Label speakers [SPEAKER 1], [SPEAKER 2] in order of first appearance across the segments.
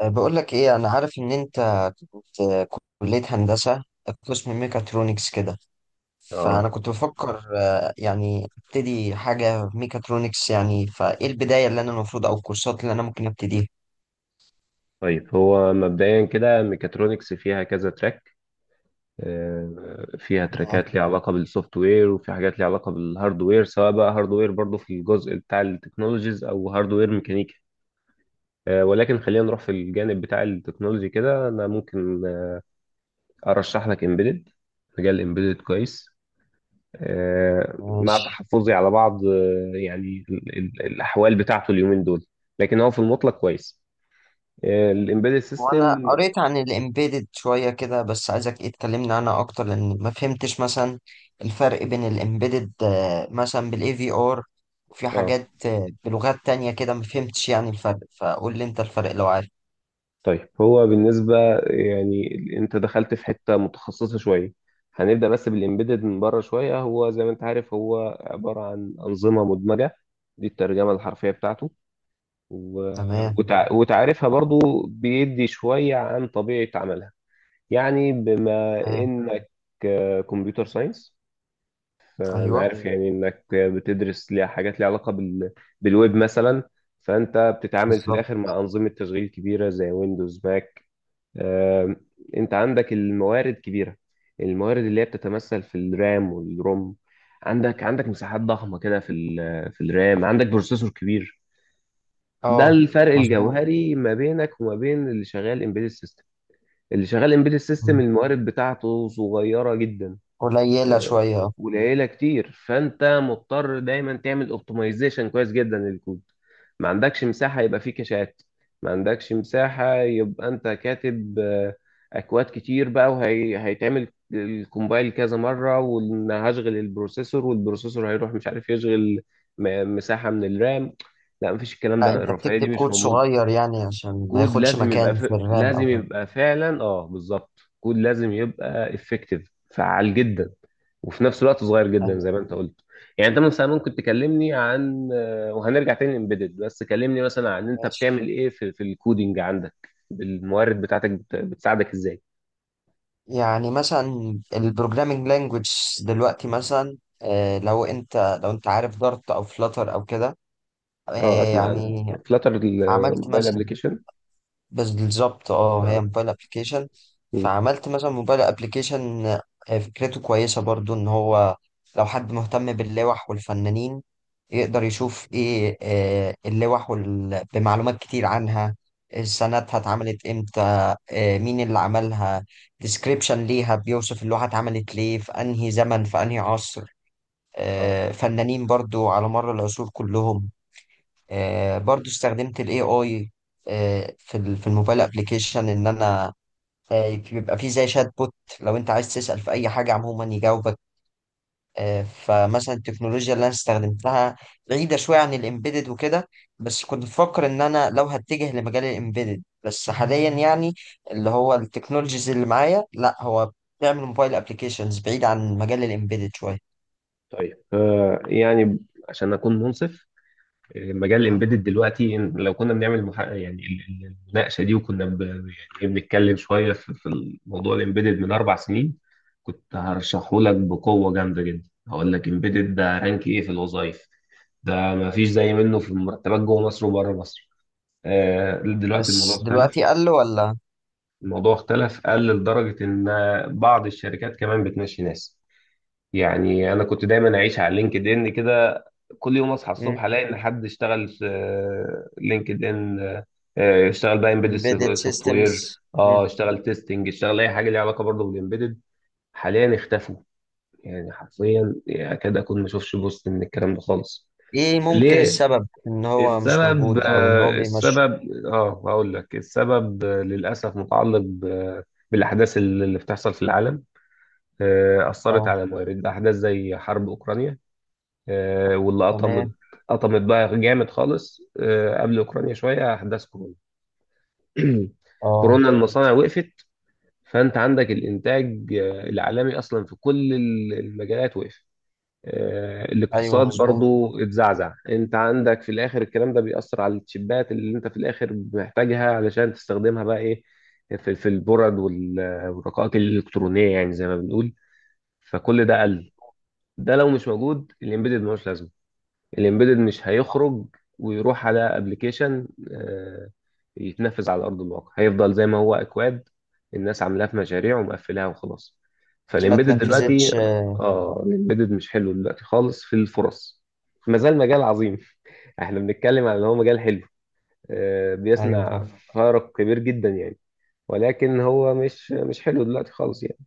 [SPEAKER 1] بقول لك ايه، انا عارف ان انت كنت، كلية هندسة، قسم ميكاترونكس كده. فانا
[SPEAKER 2] اه،
[SPEAKER 1] كنت بفكر، يعني ابتدي حاجة ميكاترونكس يعني، فايه البداية اللي انا المفروض او الكورسات اللي انا ممكن ابتديها؟
[SPEAKER 2] طيب هو مبدئيا كده ميكاترونكس فيها كذا تراك. فيها
[SPEAKER 1] أه،
[SPEAKER 2] تراكات ليها علاقة بالسوفت وير، وفي حاجات ليها علاقة بالهاردوير، سواء بقى هاردوير برضو في الجزء بتاع التكنولوجيز او هاردوير ميكانيكي. ولكن خلينا نروح في الجانب بتاع التكنولوجي كده، انا ممكن ارشح لك امبيدد. مجال امبيدد كويس، مع
[SPEAKER 1] ماشي.
[SPEAKER 2] تحفظي على بعض، يعني الاحوال بتاعته اليومين دول. لكن هو في المطلق كويس، الامبيدد
[SPEAKER 1] وانا
[SPEAKER 2] سيستم.
[SPEAKER 1] قريت عن الامبيدد شوية كده، بس عايزك ايه تكلمني عنها اكتر، لان ما فهمتش مثلا الفرق بين الامبيدد، مثلا بالاي في ار، وفي
[SPEAKER 2] اه،
[SPEAKER 1] حاجات بلغات تانية كده، ما فهمتش يعني الفرق، فقول لي انت الفرق لو عارف.
[SPEAKER 2] طيب هو بالنسبة يعني، انت دخلت في حتة متخصصة شوية. هنبدأ بس بالإمبيدد من بره شوية. هو زي ما انت عارف، هو عبارة عن أنظمة مدمجة. دي الترجمة الحرفية بتاعته، و...
[SPEAKER 1] تمام.
[SPEAKER 2] وتعريفها برضو بيدي شوية عن طبيعة عملها. يعني بما إنك كمبيوتر ساينس، أنا
[SPEAKER 1] ايوه.
[SPEAKER 2] عارف يعني إنك بتدرس ليها حاجات ليها علاقة بالويب مثلا. فأنت بتتعامل في
[SPEAKER 1] بالظبط.
[SPEAKER 2] الآخر مع أنظمة تشغيل كبيرة زي ويندوز ماك. آه، انت عندك الموارد كبيره، الموارد اللي هي بتتمثل في الرام والروم. عندك مساحات ضخمه كده في في الرام، عندك بروسيسور كبير. ده
[SPEAKER 1] اه.
[SPEAKER 2] الفرق
[SPEAKER 1] مظبوط.
[SPEAKER 2] الجوهري ما بينك وما بين اللي شغال امبيدد سيستم. اللي شغال امبيدد سيستم
[SPEAKER 1] مم.
[SPEAKER 2] الموارد بتاعته صغيره جدا،
[SPEAKER 1] قليلة شوية اه.
[SPEAKER 2] قليله كتير. فانت مضطر دايما تعمل اوبتمايزيشن كويس جدا للكود. ما عندكش مساحه يبقى فيه كاشات، ما عندكش مساحه يبقى انت كاتب اكواد كتير بقى وهيتعمل الكومبايل كذا مره، وان هشغل البروسيسور، والبروسيسور هيروح مش عارف يشغل مساحه من الرام. لا، مفيش، الكلام
[SPEAKER 1] لا،
[SPEAKER 2] ده
[SPEAKER 1] انت
[SPEAKER 2] الرفاهيه
[SPEAKER 1] بتكتب
[SPEAKER 2] دي مش
[SPEAKER 1] كود
[SPEAKER 2] موجوده.
[SPEAKER 1] صغير يعني عشان ما
[SPEAKER 2] كود
[SPEAKER 1] ياخدش
[SPEAKER 2] لازم يبقى
[SPEAKER 1] مكان في الرام او
[SPEAKER 2] لازم
[SPEAKER 1] حاجة.
[SPEAKER 2] يبقى فعلا، اه بالظبط، كود لازم يبقى افكتيف، فعال جدا، وفي نفس الوقت صغير جدا
[SPEAKER 1] ايوه.
[SPEAKER 2] زي ما انت قلت. يعني انت مثلا ممكن تكلمني عن، وهنرجع تاني امبيدد، بس كلمني مثلا عن انت بتعمل
[SPEAKER 1] ماشي.
[SPEAKER 2] ايه في الكودينج، عندك الموارد بتاعتك بتساعدك ازاي؟
[SPEAKER 1] يعني مثلا البروجرامينج لانجوج دلوقتي، مثلا آه لو انت عارف دارت او فلاتر او كده،
[SPEAKER 2] اه،
[SPEAKER 1] آه
[SPEAKER 2] اسمع عن
[SPEAKER 1] يعني
[SPEAKER 2] فلاتر
[SPEAKER 1] عملت
[SPEAKER 2] الموبايل
[SPEAKER 1] مثلا.
[SPEAKER 2] ابلكيشن.
[SPEAKER 1] بس بالظبط اه، هي
[SPEAKER 2] اه.
[SPEAKER 1] موبايل ابلكيشن.
[SPEAKER 2] مم.
[SPEAKER 1] فعملت مثلا موبايل ابلكيشن، فكرته كويسة برضو، ان هو لو حد مهتم باللوح والفنانين يقدر يشوف ايه، اللوح بمعلومات كتير عنها، سنتها اتعملت امتى، مين اللي عملها، ديسكريبشن ليها بيوصف اللوحة اتعملت ليه في انهي زمن في انهي عصر،
[SPEAKER 2] اه،
[SPEAKER 1] فنانين برضو على مر العصور كلهم. برضو استخدمت الاي اي في الموبايل ابلكيشن، ان انا بيبقى فيه زي شات بوت، لو انت عايز تسأل في اي حاجة عموما يجاوبك. فمثلا التكنولوجيا اللي انا استخدمتها بعيدة شوية عن الامبيدد وكده، بس كنت بفكر ان انا لو هتجه لمجال الامبيدد بس حاليا يعني، اللي هو التكنولوجيز اللي معايا لا، هو بيعمل موبايل ابلكيشنز بعيد عن مجال الامبيدد شوية.
[SPEAKER 2] طيب. يعني، عشان اكون منصف، مجال الامبيدد دلوقتي، إن لو كنا بنعمل يعني المناقشه دي، وكنا يعني إيه، بنتكلم شويه في موضوع الامبيدد من اربع سنين، كنت هرشحه لك بقوه جامده جدا. هقول لك امبيدد ده رانك ايه في الوظائف، ده ما فيش زي منه في المرتبات جوه مصر وبره مصر. دلوقتي الموضوع
[SPEAKER 1] بس دلوقتي
[SPEAKER 2] اختلف.
[SPEAKER 1] قال له ولا؟
[SPEAKER 2] الموضوع اختلف، قل لدرجه ان بعض الشركات كمان بتمشي ناس. يعني انا كنت دايما اعيش على لينكد ان كده، كل يوم اصحى الصبح الاقي ان حد اشتغل في لينكد ان، اشتغل بقى امبيدد
[SPEAKER 1] امبيدد
[SPEAKER 2] سوفت وير،
[SPEAKER 1] سيستمز.
[SPEAKER 2] اه اشتغل تيستنج، اشتغل اي حاجه ليها علاقه برضه بالامبيدد. حاليا اختفوا. يعني حرفيا اكاد اكون ما اشوفش بوست من الكلام ده خالص.
[SPEAKER 1] ايه ممكن
[SPEAKER 2] ليه؟
[SPEAKER 1] السبب، ان هو مش
[SPEAKER 2] السبب،
[SPEAKER 1] موجود او ان هو بيمشي؟
[SPEAKER 2] السبب، اه هقول لك السبب، للاسف متعلق بالاحداث اللي بتحصل في العالم. اثرت
[SPEAKER 1] اه.
[SPEAKER 2] على موارد، احداث زي حرب اوكرانيا، واللي قطمت،
[SPEAKER 1] تمام.
[SPEAKER 2] قطمت بقى جامد خالص. قبل اوكرانيا شويه، احداث كورونا.
[SPEAKER 1] اه.
[SPEAKER 2] كورونا المصانع وقفت، فانت عندك الانتاج العالمي اصلا في كل المجالات وقف.
[SPEAKER 1] ايوه
[SPEAKER 2] الاقتصاد
[SPEAKER 1] مظبوط.
[SPEAKER 2] برضو اتزعزع. انت عندك في الاخر الكلام ده بيأثر على التشيبات اللي انت في الاخر محتاجها علشان تستخدمها بقى ايه، في البرد والرقائق الالكترونيه يعني زي ما بنقول. فكل ده قل. ده لو مش موجود، الامبيدد ملوش لازمه، الامبيدد مش هيخرج ويروح على ابلكيشن، يتنفذ على ارض الواقع. هيفضل زي ما هو اكواد، الناس عاملاه في مشاريع ومقفلاها وخلاص.
[SPEAKER 1] ما
[SPEAKER 2] فالامبيدد بالظبط دلوقتي
[SPEAKER 1] تنفذتش.
[SPEAKER 2] كده. اه، الامبيدد مش حلو دلوقتي خالص في الفرص. ما زال مجال عظيم. احنا بنتكلم عن ان هو مجال حلو،
[SPEAKER 1] ايوه
[SPEAKER 2] بيصنع
[SPEAKER 1] صح.
[SPEAKER 2] فارق كبير جدا يعني، ولكن هو مش حلو دلوقتي خالص يعني.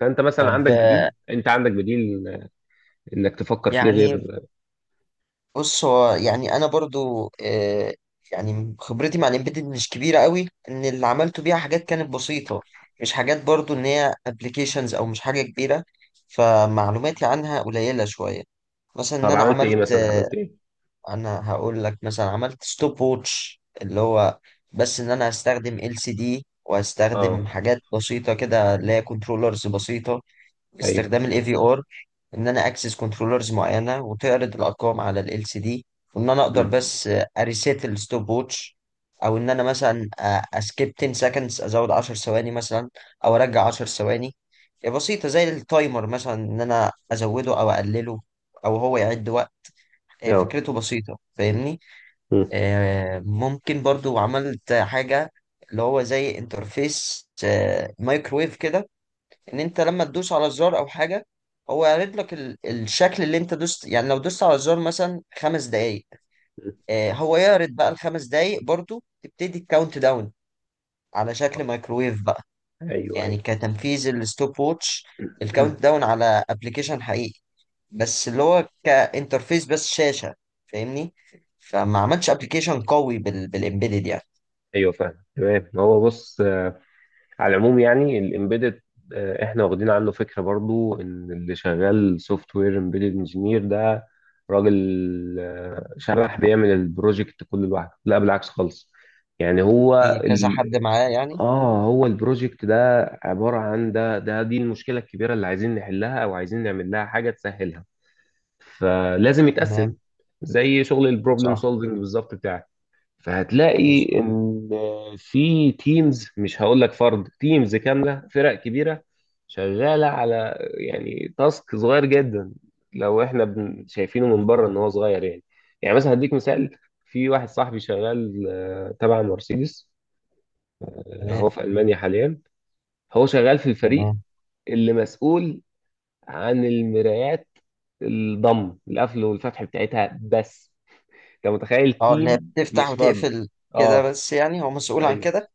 [SPEAKER 2] فانت مثلا
[SPEAKER 1] طيب
[SPEAKER 2] عندك بديل، انت عندك بديل انك تفكر فيه
[SPEAKER 1] يعني،
[SPEAKER 2] غير.
[SPEAKER 1] بص هو يعني انا برضو يعني خبرتي مع الامبيدد مش كبيره قوي، ان اللي عملته بيها حاجات كانت بسيطه، مش حاجات برضو ان هي ابلكيشنز او مش حاجه كبيره، فمعلوماتي عنها قليله شويه. مثلا ان
[SPEAKER 2] طب
[SPEAKER 1] انا
[SPEAKER 2] عملت ايه
[SPEAKER 1] عملت،
[SPEAKER 2] مثلا، عملت ايه؟
[SPEAKER 1] انا هقول لك، مثلا عملت ستوب ووتش، اللي هو بس ان انا هستخدم ال سي دي وهستخدم
[SPEAKER 2] اه.
[SPEAKER 1] حاجات بسيطه كده اللي هي كنترولرز بسيطه،
[SPEAKER 2] ايوه.
[SPEAKER 1] باستخدام الاي في ار، ان انا اكسس كنترولرز معينه وتعرض الارقام على ال سي دي، وان انا اقدر
[SPEAKER 2] مم.
[SPEAKER 1] بس اريسيت الستوب ووتش، او ان انا مثلا اسكيب 10 سكندز، ازود 10 ثواني مثلا او ارجع 10 ثواني، بسيطه زي التايمر، مثلا ان انا ازوده او اقلله، او هو يعد وقت،
[SPEAKER 2] اه.
[SPEAKER 1] فكرته بسيطه فاهمني.
[SPEAKER 2] مم.
[SPEAKER 1] ممكن برضو عملت حاجة اللي هو زي انترفيس مايكرويف كده، ان انت لما تدوس على زرار او حاجة هو يعرض لك الشكل اللي انت دوست، يعني لو دوست على الزرار مثلا خمس دقايق،
[SPEAKER 2] مم.
[SPEAKER 1] هو يعرض بقى الخمس دقايق، برضو تبتدي الكاونت داون على شكل مايكرويف بقى،
[SPEAKER 2] ايوه،
[SPEAKER 1] يعني
[SPEAKER 2] ايوه.
[SPEAKER 1] كتنفيذ الستوب ووتش، الكاونت داون على ابلكيشن حقيقي، بس اللي هو كانترفيس بس شاشة، فاهمني. فما عملتش ابلكيشن قوي بالامبيدد يعني.
[SPEAKER 2] ايوه، فاهم تمام. هو بص، على العموم يعني الامبيدد، احنا واخدين عنه فكره برضو ان اللي شغال سوفت وير امبيدد انجينير ده راجل شبح بيعمل البروجكت كله لوحده، لا بالعكس خالص. يعني
[SPEAKER 1] في
[SPEAKER 2] هو
[SPEAKER 1] كذا حد معاه يعني.
[SPEAKER 2] اه، هو البروجكت ده عباره عن، ده دي المشكله الكبيره اللي عايزين نحلها او عايزين نعمل لها حاجه تسهلها، فلازم يتقسم
[SPEAKER 1] تمام.
[SPEAKER 2] زي شغل البروبلم
[SPEAKER 1] صح.
[SPEAKER 2] سولفنج بالظبط بتاعك. فهتلاقي
[SPEAKER 1] مظبوط.
[SPEAKER 2] ان في تيمز، مش هقول لك فرد، تيمز كامله، فرق كبيره شغاله على يعني تاسك صغير جدا، لو احنا شايفينه من بره ان هو صغير يعني. يعني مثلا هديك مثال، في واحد صاحبي شغال تبع مرسيدس،
[SPEAKER 1] تمام.
[SPEAKER 2] هو في المانيا حاليا. هو شغال في الفريق
[SPEAKER 1] تمام.
[SPEAKER 2] اللي مسؤول عن المرايات، الضم القفل والفتح بتاعتها بس. انت متخيل،
[SPEAKER 1] اه، اللي هي
[SPEAKER 2] تيم
[SPEAKER 1] بتفتح
[SPEAKER 2] مش فرد.
[SPEAKER 1] وتقفل. كده
[SPEAKER 2] اه
[SPEAKER 1] بس يعني، هو مسؤول عن
[SPEAKER 2] ايوه،
[SPEAKER 1] كده.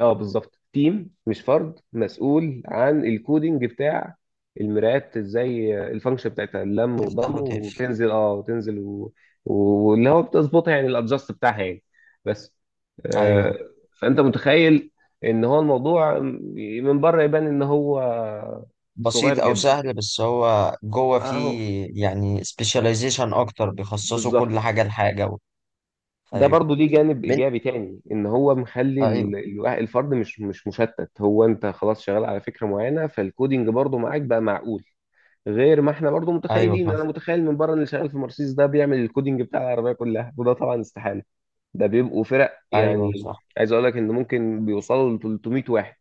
[SPEAKER 2] اه بالظبط، تيم مش فرد، مسؤول عن الكودينج بتاع المرايات، ازاي الفانكشن بتاعتها، اللم وضم
[SPEAKER 1] تفتح وتقفل.
[SPEAKER 2] وتنزل اه وتنزل و- واللي هو بتظبطها، يعني الادجست بتاعها يعني، بس آه.
[SPEAKER 1] ايوه.
[SPEAKER 2] فانت متخيل ان هو الموضوع من بره يبان ان هو صغير
[SPEAKER 1] بسيط او سهل،
[SPEAKER 2] جدا.
[SPEAKER 1] بس هو جوه
[SPEAKER 2] اهو،
[SPEAKER 1] فيه يعني سبيشاليزيشن اكتر، بيخصصوا كل
[SPEAKER 2] بالظبط.
[SPEAKER 1] حاجه لحاجه
[SPEAKER 2] ده
[SPEAKER 1] ايوه.
[SPEAKER 2] برضو ليه جانب
[SPEAKER 1] بنت.
[SPEAKER 2] ايجابي تاني، ان هو مخلي
[SPEAKER 1] ايوه.
[SPEAKER 2] الفرد مش مشتت، هو انت خلاص شغال على فكره معينه، فالكودينج برضو معاك بقى معقول. غير ما احنا برضو
[SPEAKER 1] ايوه
[SPEAKER 2] متخيلين،
[SPEAKER 1] فاهم.
[SPEAKER 2] انا متخيل من بره ان اللي شغال في مرسيدس ده بيعمل الكودينج بتاع العربيه كلها، وده طبعا استحاله. ده بيبقوا فرق،
[SPEAKER 1] ايوه
[SPEAKER 2] يعني
[SPEAKER 1] صح.
[SPEAKER 2] عايز اقول لك ان ممكن بيوصلوا ل 300 واحد،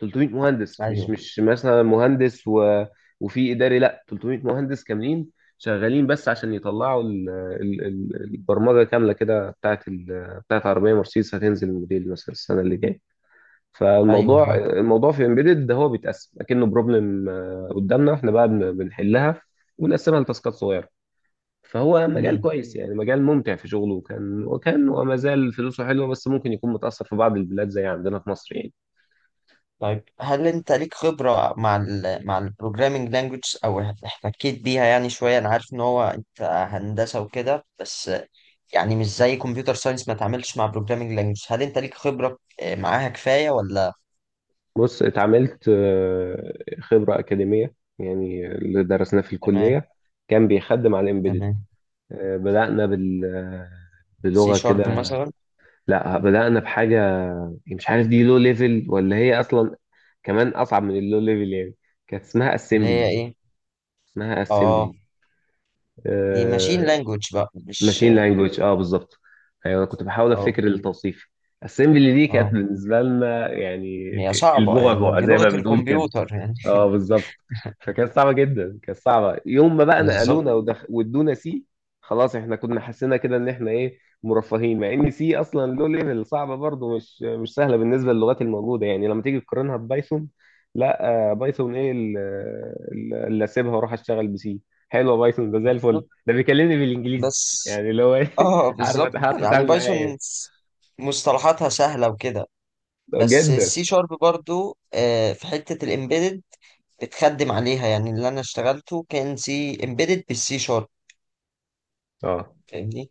[SPEAKER 2] 300 مهندس، مش
[SPEAKER 1] ايوه.
[SPEAKER 2] مش مثلا مهندس وفي اداري، لا 300 مهندس كاملين شغالين، بس عشان يطلعوا البرمجه كامله كده بتاعت بتاعت عربيه مرسيدس، هتنزل الموديل مثلا السنه اللي جايه.
[SPEAKER 1] ايوه
[SPEAKER 2] فالموضوع، في امبيدد ده هو بيتقسم اكنه بروبلم قدامنا احنا بقى، بنحلها ونقسمها لتاسكات صغيره. فهو مجال
[SPEAKER 1] فاهم.
[SPEAKER 2] كويس يعني، مجال ممتع في شغله، وكان وما زال فلوسه حلوه، بس ممكن يكون متاثر في بعض البلاد زي عندنا في مصر يعني.
[SPEAKER 1] طيب هل انت ليك خبرة مع البروجرامينج لانجوج، او احتكيت بيها يعني شوية؟ انا عارف ان هو انت هندسة وكده، بس يعني مش زي كمبيوتر ساينس ما تعملش مع بروجرامينج لانجوج، هل انت ليك خبرة معاها كفاية ولا؟
[SPEAKER 2] بص، اتعاملت، خبرة أكاديمية يعني، اللي درسناه في
[SPEAKER 1] تمام.
[SPEAKER 2] الكلية كان بيخدم على الإمبيدد.
[SPEAKER 1] تمام.
[SPEAKER 2] بدأنا بال،
[SPEAKER 1] سي
[SPEAKER 2] بلغة كده.
[SPEAKER 1] شارب مثلا؟
[SPEAKER 2] لا، بدأنا بحاجة يعني مش عارف، دي لو ليفل ولا هي أصلا كمان أصعب من اللو ليفل يعني. كانت اسمها
[SPEAKER 1] اللي هي
[SPEAKER 2] أسمبلي.
[SPEAKER 1] ايه؟
[SPEAKER 2] اسمها
[SPEAKER 1] اه.
[SPEAKER 2] أسمبلي.
[SPEAKER 1] دي ماشين لانجوج بقى مش.
[SPEAKER 2] ماشين لانجوج، اه بالظبط. أيوة، أنا كنت بحاول
[SPEAKER 1] اه.
[SPEAKER 2] أفتكر التوصيف. أسمبلي دي كانت
[SPEAKER 1] اه
[SPEAKER 2] بالنسبة لنا يعني
[SPEAKER 1] هي صعبة يعني،
[SPEAKER 2] البعبع
[SPEAKER 1] دي
[SPEAKER 2] زي
[SPEAKER 1] لغة
[SPEAKER 2] ما بنقول كده.
[SPEAKER 1] الكمبيوتر يعني.
[SPEAKER 2] اه بالظبط. فكانت صعبه جدا، كانت صعبه. يوم ما بقى
[SPEAKER 1] بالظبط.
[SPEAKER 2] نقلونا وادونا سي، خلاص احنا كنا حسينا كده ان احنا ايه مرفهين، مع ان سي اصلا له ليفل صعبه برضه، مش سهله بالنسبه للغات الموجوده يعني، لما تيجي تقارنها ببايثون. لا، بايثون، ايه اللي اسيبها واروح اشتغل بسي؟ حلوه بايثون، ده زي
[SPEAKER 1] بالظبط.
[SPEAKER 2] الفل، ده بيكلمني بالانجليزي،
[SPEAKER 1] بس
[SPEAKER 2] يعني اللي هو ايه،
[SPEAKER 1] اه
[SPEAKER 2] عارف
[SPEAKER 1] بالظبط،
[SPEAKER 2] عارف
[SPEAKER 1] يعني
[SPEAKER 2] اتعامل معاه
[SPEAKER 1] بايثون
[SPEAKER 2] يعني.
[SPEAKER 1] مصطلحاتها سهلة وكده. بس
[SPEAKER 2] جدا.
[SPEAKER 1] السي شارب برضو في حتة الامبيدد بتخدم عليها، يعني اللي انا اشتغلته كان سي امبيدد بالسي شارب،
[SPEAKER 2] اه.
[SPEAKER 1] فاهمني.